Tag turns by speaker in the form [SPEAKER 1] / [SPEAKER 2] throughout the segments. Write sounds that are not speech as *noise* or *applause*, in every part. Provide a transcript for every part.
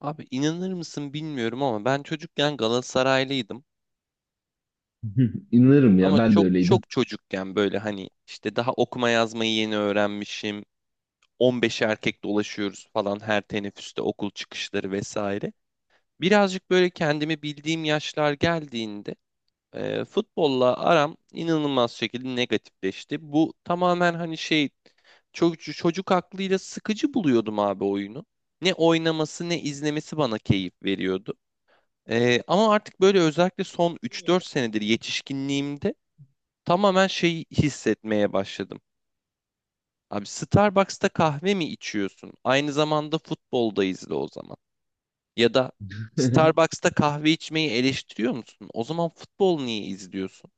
[SPEAKER 1] Abi inanır mısın bilmiyorum ama ben çocukken Galatasaraylıydım.
[SPEAKER 2] *laughs* İnanırım ya,
[SPEAKER 1] Ama
[SPEAKER 2] ben de
[SPEAKER 1] çok
[SPEAKER 2] öyleydim.
[SPEAKER 1] çok çocukken böyle hani işte daha okuma yazmayı yeni öğrenmişim. 15 erkek dolaşıyoruz falan her teneffüste okul çıkışları vesaire. Birazcık böyle kendimi bildiğim yaşlar geldiğinde futbolla aram inanılmaz şekilde negatifleşti. Bu tamamen hani şey çocuk aklıyla sıkıcı buluyordum abi oyunu. Ne oynaması ne izlemesi bana keyif veriyordu. Ama artık böyle özellikle son 3-4 senedir yetişkinliğimde tamamen şey hissetmeye başladım. Abi Starbucks'ta kahve mi içiyorsun? Aynı zamanda futbolda izle o zaman. Ya da
[SPEAKER 2] *laughs*
[SPEAKER 1] Starbucks'ta kahve içmeyi eleştiriyor musun? O zaman futbol niye izliyorsun?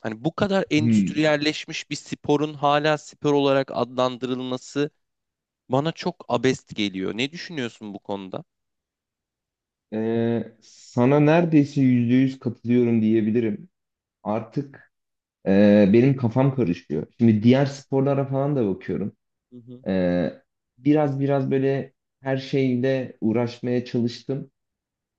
[SPEAKER 1] Hani bu kadar
[SPEAKER 2] Hmm.
[SPEAKER 1] endüstriyelleşmiş bir sporun hala spor olarak adlandırılması bana çok abest geliyor. Ne düşünüyorsun bu konuda?
[SPEAKER 2] Sana neredeyse %100 katılıyorum diyebilirim. Artık benim kafam karışıyor. Şimdi diğer sporlara falan da bakıyorum.
[SPEAKER 1] Hı hı,
[SPEAKER 2] Ee, biraz böyle her şeyle uğraşmaya çalıştım.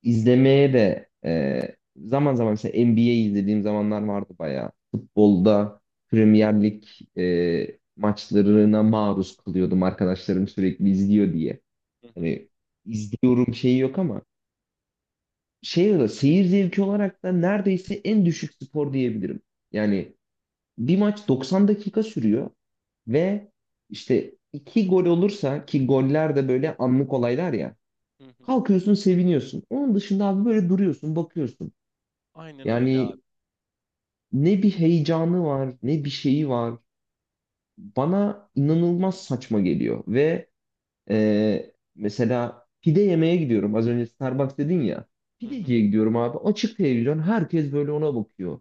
[SPEAKER 2] İzlemeye de zaman zaman mesela NBA izlediğim zamanlar vardı bayağı. Futbolda Premier Lig maçlarına maruz kalıyordum. Arkadaşlarım sürekli izliyor diye.
[SPEAKER 1] hı hı,
[SPEAKER 2] Hani izliyorum şeyi yok ama şey olarak, seyir zevki olarak da neredeyse en düşük spor diyebilirim. Yani bir maç 90 dakika sürüyor ve işte iki gol olursa, ki goller de böyle anlık olaylar ya.
[SPEAKER 1] hı hı.
[SPEAKER 2] Kalkıyorsun, seviniyorsun. Onun dışında abi böyle duruyorsun, bakıyorsun.
[SPEAKER 1] Aynen öyle abi.
[SPEAKER 2] Yani ne bir heyecanı var, ne bir şeyi var. Bana inanılmaz saçma geliyor. Ve mesela pide yemeye gidiyorum. Az önce Starbucks dedin ya.
[SPEAKER 1] Hı hı.
[SPEAKER 2] Pideciye gidiyorum abi. Açık televizyon. Herkes böyle ona bakıyor.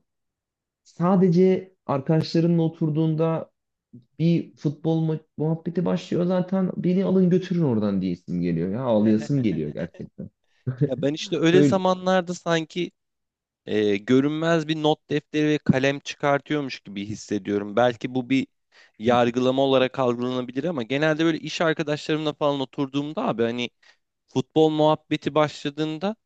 [SPEAKER 2] Sadece arkadaşlarınla oturduğunda bir muhabbeti başlıyor. Zaten beni alın, götürün oradan diyesim geliyor. Ya, ağlayasım geliyor
[SPEAKER 1] *laughs*
[SPEAKER 2] gerçekten.
[SPEAKER 1] Ya
[SPEAKER 2] *laughs*
[SPEAKER 1] ben işte öyle
[SPEAKER 2] Böyle...
[SPEAKER 1] zamanlarda sanki görünmez bir not defteri ve kalem çıkartıyormuş gibi hissediyorum. Belki bu bir yargılama olarak algılanabilir ama genelde böyle iş arkadaşlarımla falan oturduğumda abi hani futbol muhabbeti başladığında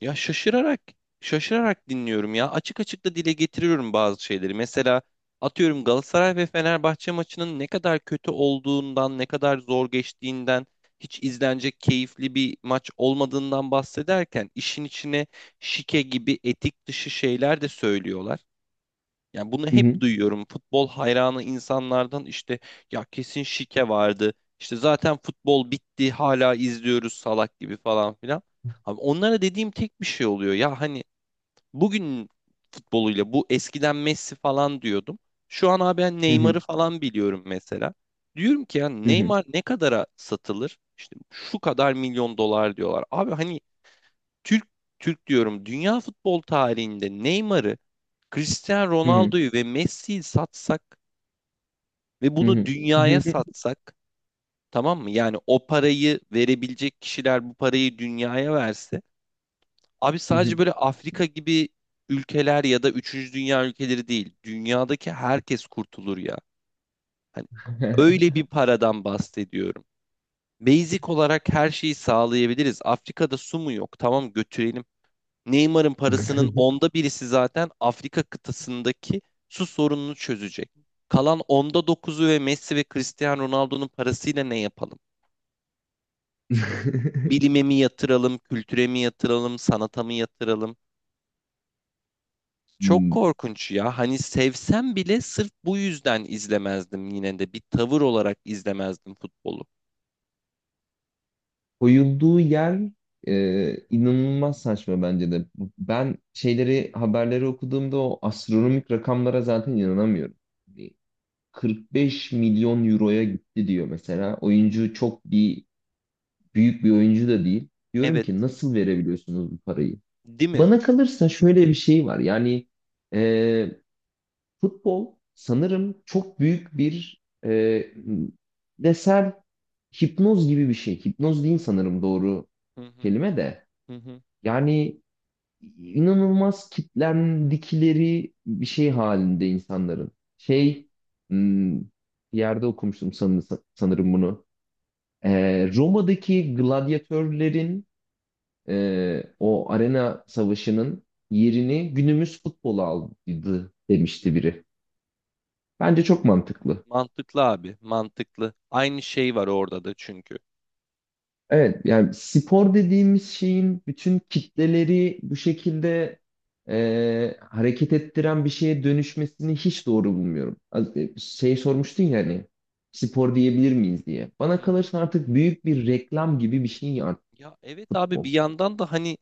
[SPEAKER 1] ya şaşırarak şaşırarak dinliyorum ya. Açık açık da dile getiriyorum bazı şeyleri. Mesela atıyorum Galatasaray ve Fenerbahçe maçının ne kadar kötü olduğundan, ne kadar zor geçtiğinden, hiç izlenecek keyifli bir maç olmadığından bahsederken işin içine şike gibi etik dışı şeyler de söylüyorlar. Yani bunu
[SPEAKER 2] Hı
[SPEAKER 1] hep
[SPEAKER 2] hı,
[SPEAKER 1] duyuyorum. Futbol hayranı insanlardan işte ya kesin şike vardı. İşte zaten futbol bitti hala izliyoruz salak gibi falan filan. Abi onlara dediğim tek bir şey oluyor. Ya hani bugün futboluyla bu eskiden Messi falan diyordum. Şu an abi ben
[SPEAKER 2] hı hı,
[SPEAKER 1] Neymar'ı falan biliyorum mesela. Diyorum ki ya
[SPEAKER 2] hı hı,
[SPEAKER 1] Neymar ne kadara satılır? İşte şu kadar milyon dolar diyorlar. Abi hani Türk Türk diyorum dünya futbol tarihinde Neymar'ı, Cristiano
[SPEAKER 2] hı hı,
[SPEAKER 1] Ronaldo'yu ve Messi'yi satsak ve
[SPEAKER 2] hı
[SPEAKER 1] bunu
[SPEAKER 2] hı, hı
[SPEAKER 1] dünyaya
[SPEAKER 2] hı,
[SPEAKER 1] satsak, tamam mı? Yani o parayı verebilecek kişiler bu parayı dünyaya verse abi
[SPEAKER 2] hı
[SPEAKER 1] sadece
[SPEAKER 2] hı.
[SPEAKER 1] böyle Afrika gibi ülkeler ya da üçüncü dünya ülkeleri değil dünyadaki herkes kurtulur ya. Hani öyle bir paradan bahsediyorum. Basic olarak her şeyi sağlayabiliriz. Afrika'da su mu yok? Tamam, götürelim. Neymar'ın parasının onda birisi zaten Afrika kıtasındaki su sorununu çözecek. Kalan onda dokuzu ve Messi ve Cristiano Ronaldo'nun parasıyla ne yapalım?
[SPEAKER 2] *laughs*
[SPEAKER 1] Bilime
[SPEAKER 2] *laughs*
[SPEAKER 1] mi yatıralım, kültüre mi yatıralım, sanata mı yatıralım? Çok
[SPEAKER 2] Hmm,
[SPEAKER 1] korkunç ya. Hani sevsem bile sırf bu yüzden izlemezdim yine de. Bir tavır olarak izlemezdim futbolu.
[SPEAKER 2] koyulduğu yer inanılmaz saçma bence de. Ben şeyleri, haberleri okuduğumda o astronomik rakamlara zaten inanamıyorum. Bir 45 milyon euroya gitti diyor mesela. Oyuncu çok bir büyük bir oyuncu da değil. Diyorum
[SPEAKER 1] Evet,
[SPEAKER 2] ki nasıl verebiliyorsunuz bu parayı?
[SPEAKER 1] değil mi?
[SPEAKER 2] Bana kalırsa şöyle bir şey var. E, Futbol sanırım çok büyük bir desel hipnoz gibi bir şey. Hipnoz değil
[SPEAKER 1] Hı
[SPEAKER 2] sanırım doğru
[SPEAKER 1] hı,
[SPEAKER 2] kelime de.
[SPEAKER 1] hı hı,
[SPEAKER 2] Yani inanılmaz kitlendikleri bir şey halinde insanların.
[SPEAKER 1] hı hı.
[SPEAKER 2] Şey, hmm, bir yerde okumuştum sanırım bunu. E, Roma'daki gladyatörlerin, o arena savaşının yerini günümüz futbolu aldı demişti biri. Bence çok mantıklı.
[SPEAKER 1] Mantıklı abi, mantıklı. Aynı şey var orada da çünkü.
[SPEAKER 2] Evet, yani spor dediğimiz şeyin bütün kitleleri bu şekilde hareket ettiren bir şeye dönüşmesini hiç doğru bulmuyorum. Şey sormuştun ya hani spor diyebilir miyiz diye. Bana
[SPEAKER 1] Hı hı.
[SPEAKER 2] kalırsa artık büyük bir reklam gibi bir şey artık
[SPEAKER 1] Ya evet abi
[SPEAKER 2] futbol.
[SPEAKER 1] bir yandan da hani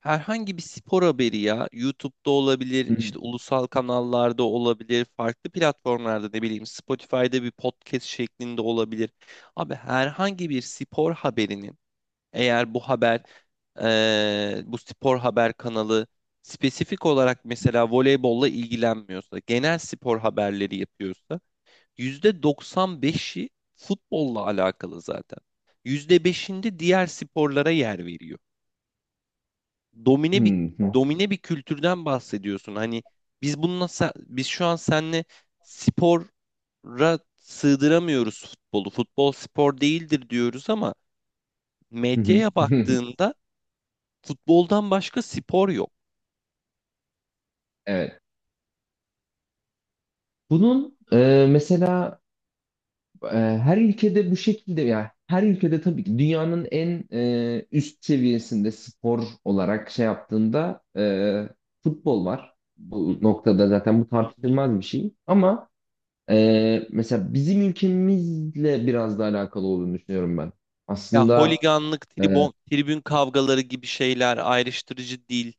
[SPEAKER 1] herhangi bir spor haberi ya YouTube'da olabilir,
[SPEAKER 2] Hı hı.
[SPEAKER 1] işte ulusal kanallarda olabilir, farklı platformlarda ne bileyim Spotify'da bir podcast şeklinde olabilir. Abi herhangi bir spor haberinin, eğer bu haber bu spor haber kanalı spesifik olarak mesela voleybolla ilgilenmiyorsa, genel spor haberleri yapıyorsa %95'i futbolla alakalı zaten. %5'inde diğer sporlara yer veriyor.
[SPEAKER 2] Hı
[SPEAKER 1] Domine bir
[SPEAKER 2] hı.
[SPEAKER 1] domine bir kültürden bahsediyorsun. Hani biz şu an seninle spora sığdıramıyoruz futbolu. Futbol spor değildir diyoruz ama
[SPEAKER 2] Hı hı.
[SPEAKER 1] medyaya
[SPEAKER 2] *laughs*
[SPEAKER 1] baktığında futboldan başka spor yok.
[SPEAKER 2] Evet. Bunun E, her ülkede bu şekilde. Ya her ülkede tabii ki dünyanın en üst seviyesinde spor olarak şey yaptığında futbol var.
[SPEAKER 1] Hı
[SPEAKER 2] Bu
[SPEAKER 1] hı,
[SPEAKER 2] noktada zaten bu
[SPEAKER 1] hı hı.
[SPEAKER 2] tartışılmaz bir şey. Ama mesela bizim ülkemizle biraz da alakalı olduğunu düşünüyorum ben.
[SPEAKER 1] Ya
[SPEAKER 2] Aslında
[SPEAKER 1] holiganlık,
[SPEAKER 2] e,
[SPEAKER 1] tribon, tribün kavgaları gibi şeyler ayrıştırıcı değil.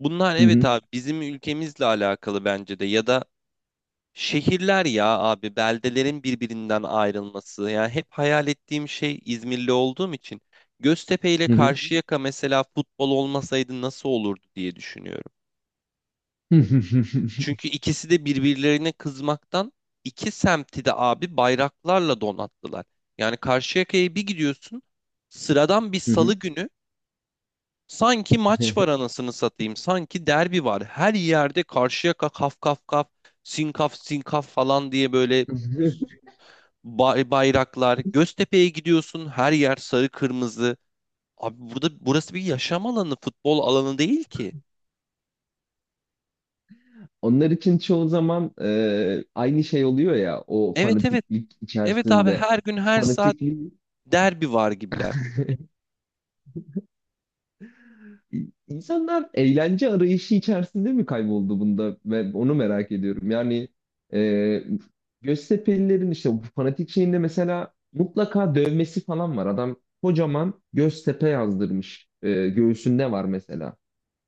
[SPEAKER 1] Bunlar
[SPEAKER 2] hı
[SPEAKER 1] evet
[SPEAKER 2] hı,
[SPEAKER 1] abi bizim ülkemizle alakalı bence de ya da şehirler ya abi, beldelerin birbirinden ayrılması. Yani hep hayal ettiğim şey, İzmirli olduğum için Göztepe ile
[SPEAKER 2] hı hı.
[SPEAKER 1] Karşıyaka mesela futbol olmasaydı nasıl olurdu diye düşünüyorum.
[SPEAKER 2] *laughs*
[SPEAKER 1] Çünkü ikisi de birbirlerine kızmaktan iki semti de abi bayraklarla donattılar. Yani Karşıyaka'ya bir gidiyorsun sıradan bir salı
[SPEAKER 2] Hı
[SPEAKER 1] günü sanki
[SPEAKER 2] hı.
[SPEAKER 1] maç var anasını satayım, sanki derbi var. Her yerde Karşıyaka kaf kaf kaf, sinkaf sinkaf falan diye böyle
[SPEAKER 2] *laughs*
[SPEAKER 1] bayraklar. Göztepe'ye gidiyorsun, her yer sarı kırmızı. Abi burada, burası bir yaşam alanı, futbol alanı değil ki.
[SPEAKER 2] Onlar için çoğu zaman aynı şey oluyor ya o
[SPEAKER 1] Evet, evet.
[SPEAKER 2] fanatiklik
[SPEAKER 1] Evet abi,
[SPEAKER 2] içerisinde.
[SPEAKER 1] her gün her saat
[SPEAKER 2] Fanatiklik.
[SPEAKER 1] derbi var gibiler.
[SPEAKER 2] *laughs* İnsanlar eğlence arayışı içerisinde mi kayboldu bunda? Ve onu merak ediyorum. E, Göztepe'lilerin işte bu fanatik şeyinde mesela mutlaka dövmesi falan var. Adam kocaman Göztepe yazdırmış. E, göğsünde var mesela.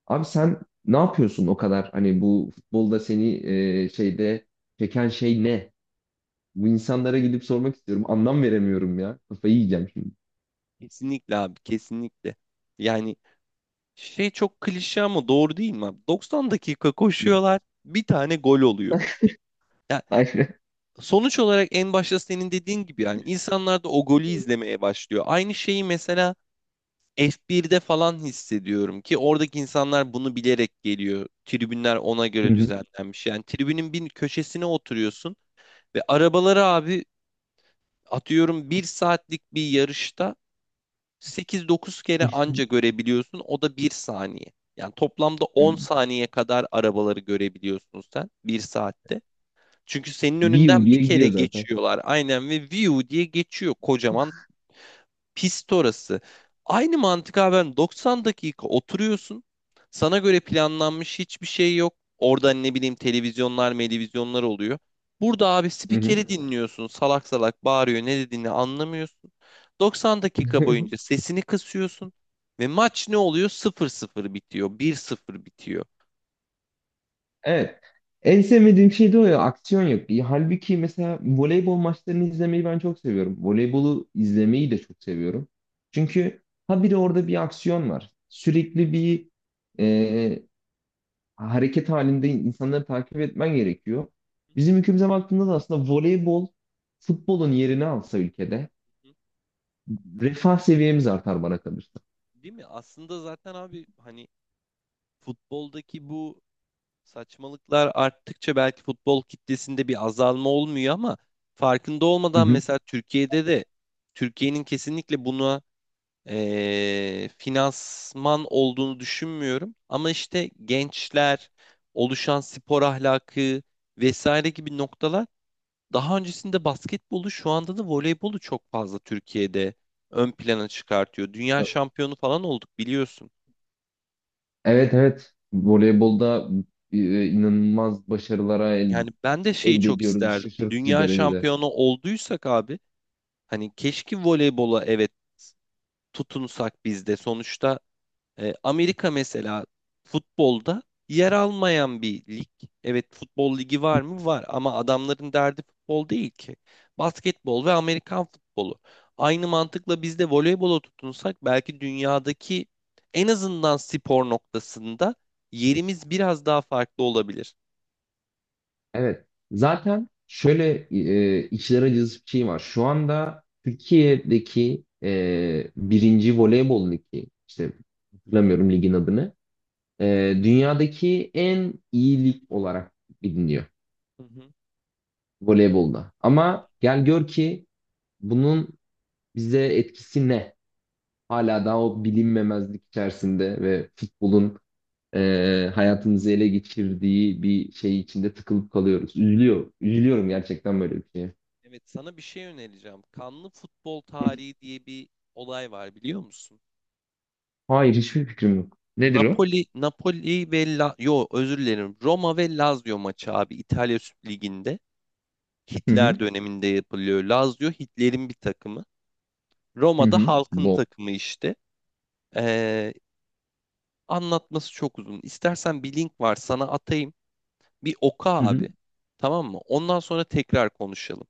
[SPEAKER 2] Abi sen ne yapıyorsun o kadar? Hani bu futbolda seni e, şeyde çeken şey ne? Bu insanlara gidip sormak istiyorum. Anlam veremiyorum ya. Kafayı yiyeceğim şimdi.
[SPEAKER 1] Kesinlikle abi, kesinlikle. Yani şey çok klişe ama doğru değil mi abi? 90 dakika
[SPEAKER 2] Ne?
[SPEAKER 1] koşuyorlar, bir tane gol oluyor. Ya
[SPEAKER 2] *laughs* Aynen.
[SPEAKER 1] sonuç olarak en başta senin dediğin gibi yani insanlar da o golü izlemeye başlıyor. Aynı şeyi mesela F1'de falan hissediyorum ki oradaki insanlar bunu bilerek geliyor. Tribünler ona
[SPEAKER 2] Hı
[SPEAKER 1] göre
[SPEAKER 2] hı.
[SPEAKER 1] düzenlenmiş. Yani tribünün bir köşesine oturuyorsun ve arabaları abi atıyorum bir saatlik bir yarışta 8-9 kere anca görebiliyorsun. O da bir saniye. Yani toplamda 10 saniye kadar arabaları görebiliyorsun sen bir saatte. Çünkü senin
[SPEAKER 2] *laughs* View
[SPEAKER 1] önünden bir
[SPEAKER 2] diye
[SPEAKER 1] kere
[SPEAKER 2] gidiyor zaten.
[SPEAKER 1] geçiyorlar aynen ve view diye geçiyor kocaman. Pist orası. Aynı mantık abi, ben 90 dakika oturuyorsun. Sana göre planlanmış hiçbir şey yok. Orada ne bileyim, televizyonlar oluyor. Burada abi
[SPEAKER 2] Hı hı.
[SPEAKER 1] spikeri dinliyorsun. Salak salak bağırıyor. Ne dediğini anlamıyorsun. 90 dakika boyunca
[SPEAKER 2] *laughs*
[SPEAKER 1] sesini kısıyorsun. Ve maç ne oluyor? 0-0 bitiyor. 1-0 bitiyor.
[SPEAKER 2] Evet. En sevmediğim şey de o ya. Aksiyon yok. İyi. Halbuki mesela voleybol maçlarını izlemeyi ben çok seviyorum. Voleybolu izlemeyi de çok seviyorum. Çünkü habire orada bir aksiyon var. Sürekli bir e, hareket halinde insanları takip etmen gerekiyor. Bizim ülkemize baktığında da aslında voleybol futbolun yerini alsa ülkede refah seviyemiz artar bana kalırsa.
[SPEAKER 1] Değil mi? Aslında zaten abi hani futboldaki bu saçmalıklar arttıkça belki futbol kitlesinde bir azalma olmuyor ama farkında
[SPEAKER 2] Hı
[SPEAKER 1] olmadan
[SPEAKER 2] hı.
[SPEAKER 1] mesela Türkiye'de de Türkiye'nin kesinlikle buna finansman olduğunu düşünmüyorum. Ama işte gençler, oluşan spor ahlakı vesaire gibi noktalar daha öncesinde basketbolu, şu anda da voleybolu çok fazla Türkiye'de ön plana çıkartıyor. Dünya şampiyonu falan olduk biliyorsun.
[SPEAKER 2] Evet, evet. Voleybolda inanılmaz başarılara
[SPEAKER 1] Yani ben de şeyi
[SPEAKER 2] elde
[SPEAKER 1] çok
[SPEAKER 2] ediyoruz
[SPEAKER 1] isterdim.
[SPEAKER 2] şaşırtıcı
[SPEAKER 1] Dünya
[SPEAKER 2] derecede.
[SPEAKER 1] şampiyonu olduysak abi, hani keşke voleybola evet tutunsak biz de. Sonuçta Amerika mesela futbolda yer almayan bir lig. Evet, futbol ligi var mı? Var, ama adamların derdi futbol değil ki. Basketbol ve Amerikan futbolu. Aynı mantıkla biz de voleybola tutunsak belki dünyadaki en azından spor noktasında yerimiz biraz daha farklı olabilir.
[SPEAKER 2] Evet. Zaten şöyle içler acısı bir şey var. Şu anda Türkiye'deki birinci voleybol ligi, işte hatırlamıyorum ligin adını, dünyadaki en iyi lig olarak biliniyor
[SPEAKER 1] Hı hı.
[SPEAKER 2] voleybolda. Ama gel gör ki bunun bize etkisi ne? Hala daha o bilinmemezlik içerisinde ve futbolun hayatımızı ele geçirdiği bir şey içinde tıkılıp kalıyoruz. Üzülüyor. Üzülüyorum gerçekten böyle bir şeye.
[SPEAKER 1] Evet, sana bir şey önereceğim. Kanlı futbol tarihi diye bir olay var, biliyor musun?
[SPEAKER 2] Hayır, hiçbir fikrim yok. Nedir o?
[SPEAKER 1] Napoli ve yo, özür dilerim. Roma ve Lazio maçı abi, İtalya Süper Ligi'nde.
[SPEAKER 2] Hı hı.
[SPEAKER 1] Hitler döneminde yapılıyor. Lazio Hitler'in bir takımı.
[SPEAKER 2] Hı
[SPEAKER 1] Roma'da
[SPEAKER 2] hı.
[SPEAKER 1] halkın
[SPEAKER 2] Bol.
[SPEAKER 1] takımı işte. Ee, anlatması çok uzun. İstersen bir link var, sana atayım. Bir oku
[SPEAKER 2] Hı hı.
[SPEAKER 1] abi. Tamam mı? Ondan sonra tekrar konuşalım.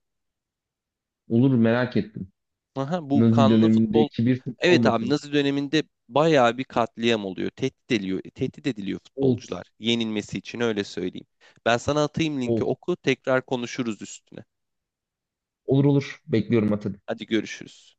[SPEAKER 2] Olur, merak ettim.
[SPEAKER 1] Aha, bu
[SPEAKER 2] Nazi
[SPEAKER 1] kanlı futbol.
[SPEAKER 2] dönemindeki bir futbol
[SPEAKER 1] Evet abi,
[SPEAKER 2] maçı.
[SPEAKER 1] Nazi döneminde bayağı bir katliam oluyor. Tehdit ediliyor, tehdit ediliyor
[SPEAKER 2] Of
[SPEAKER 1] futbolcular. Yenilmesi için, öyle söyleyeyim. Ben sana atayım linki,
[SPEAKER 2] of.
[SPEAKER 1] oku. Tekrar konuşuruz üstüne.
[SPEAKER 2] Olur olur. Bekliyorum Atilla.
[SPEAKER 1] Hadi görüşürüz.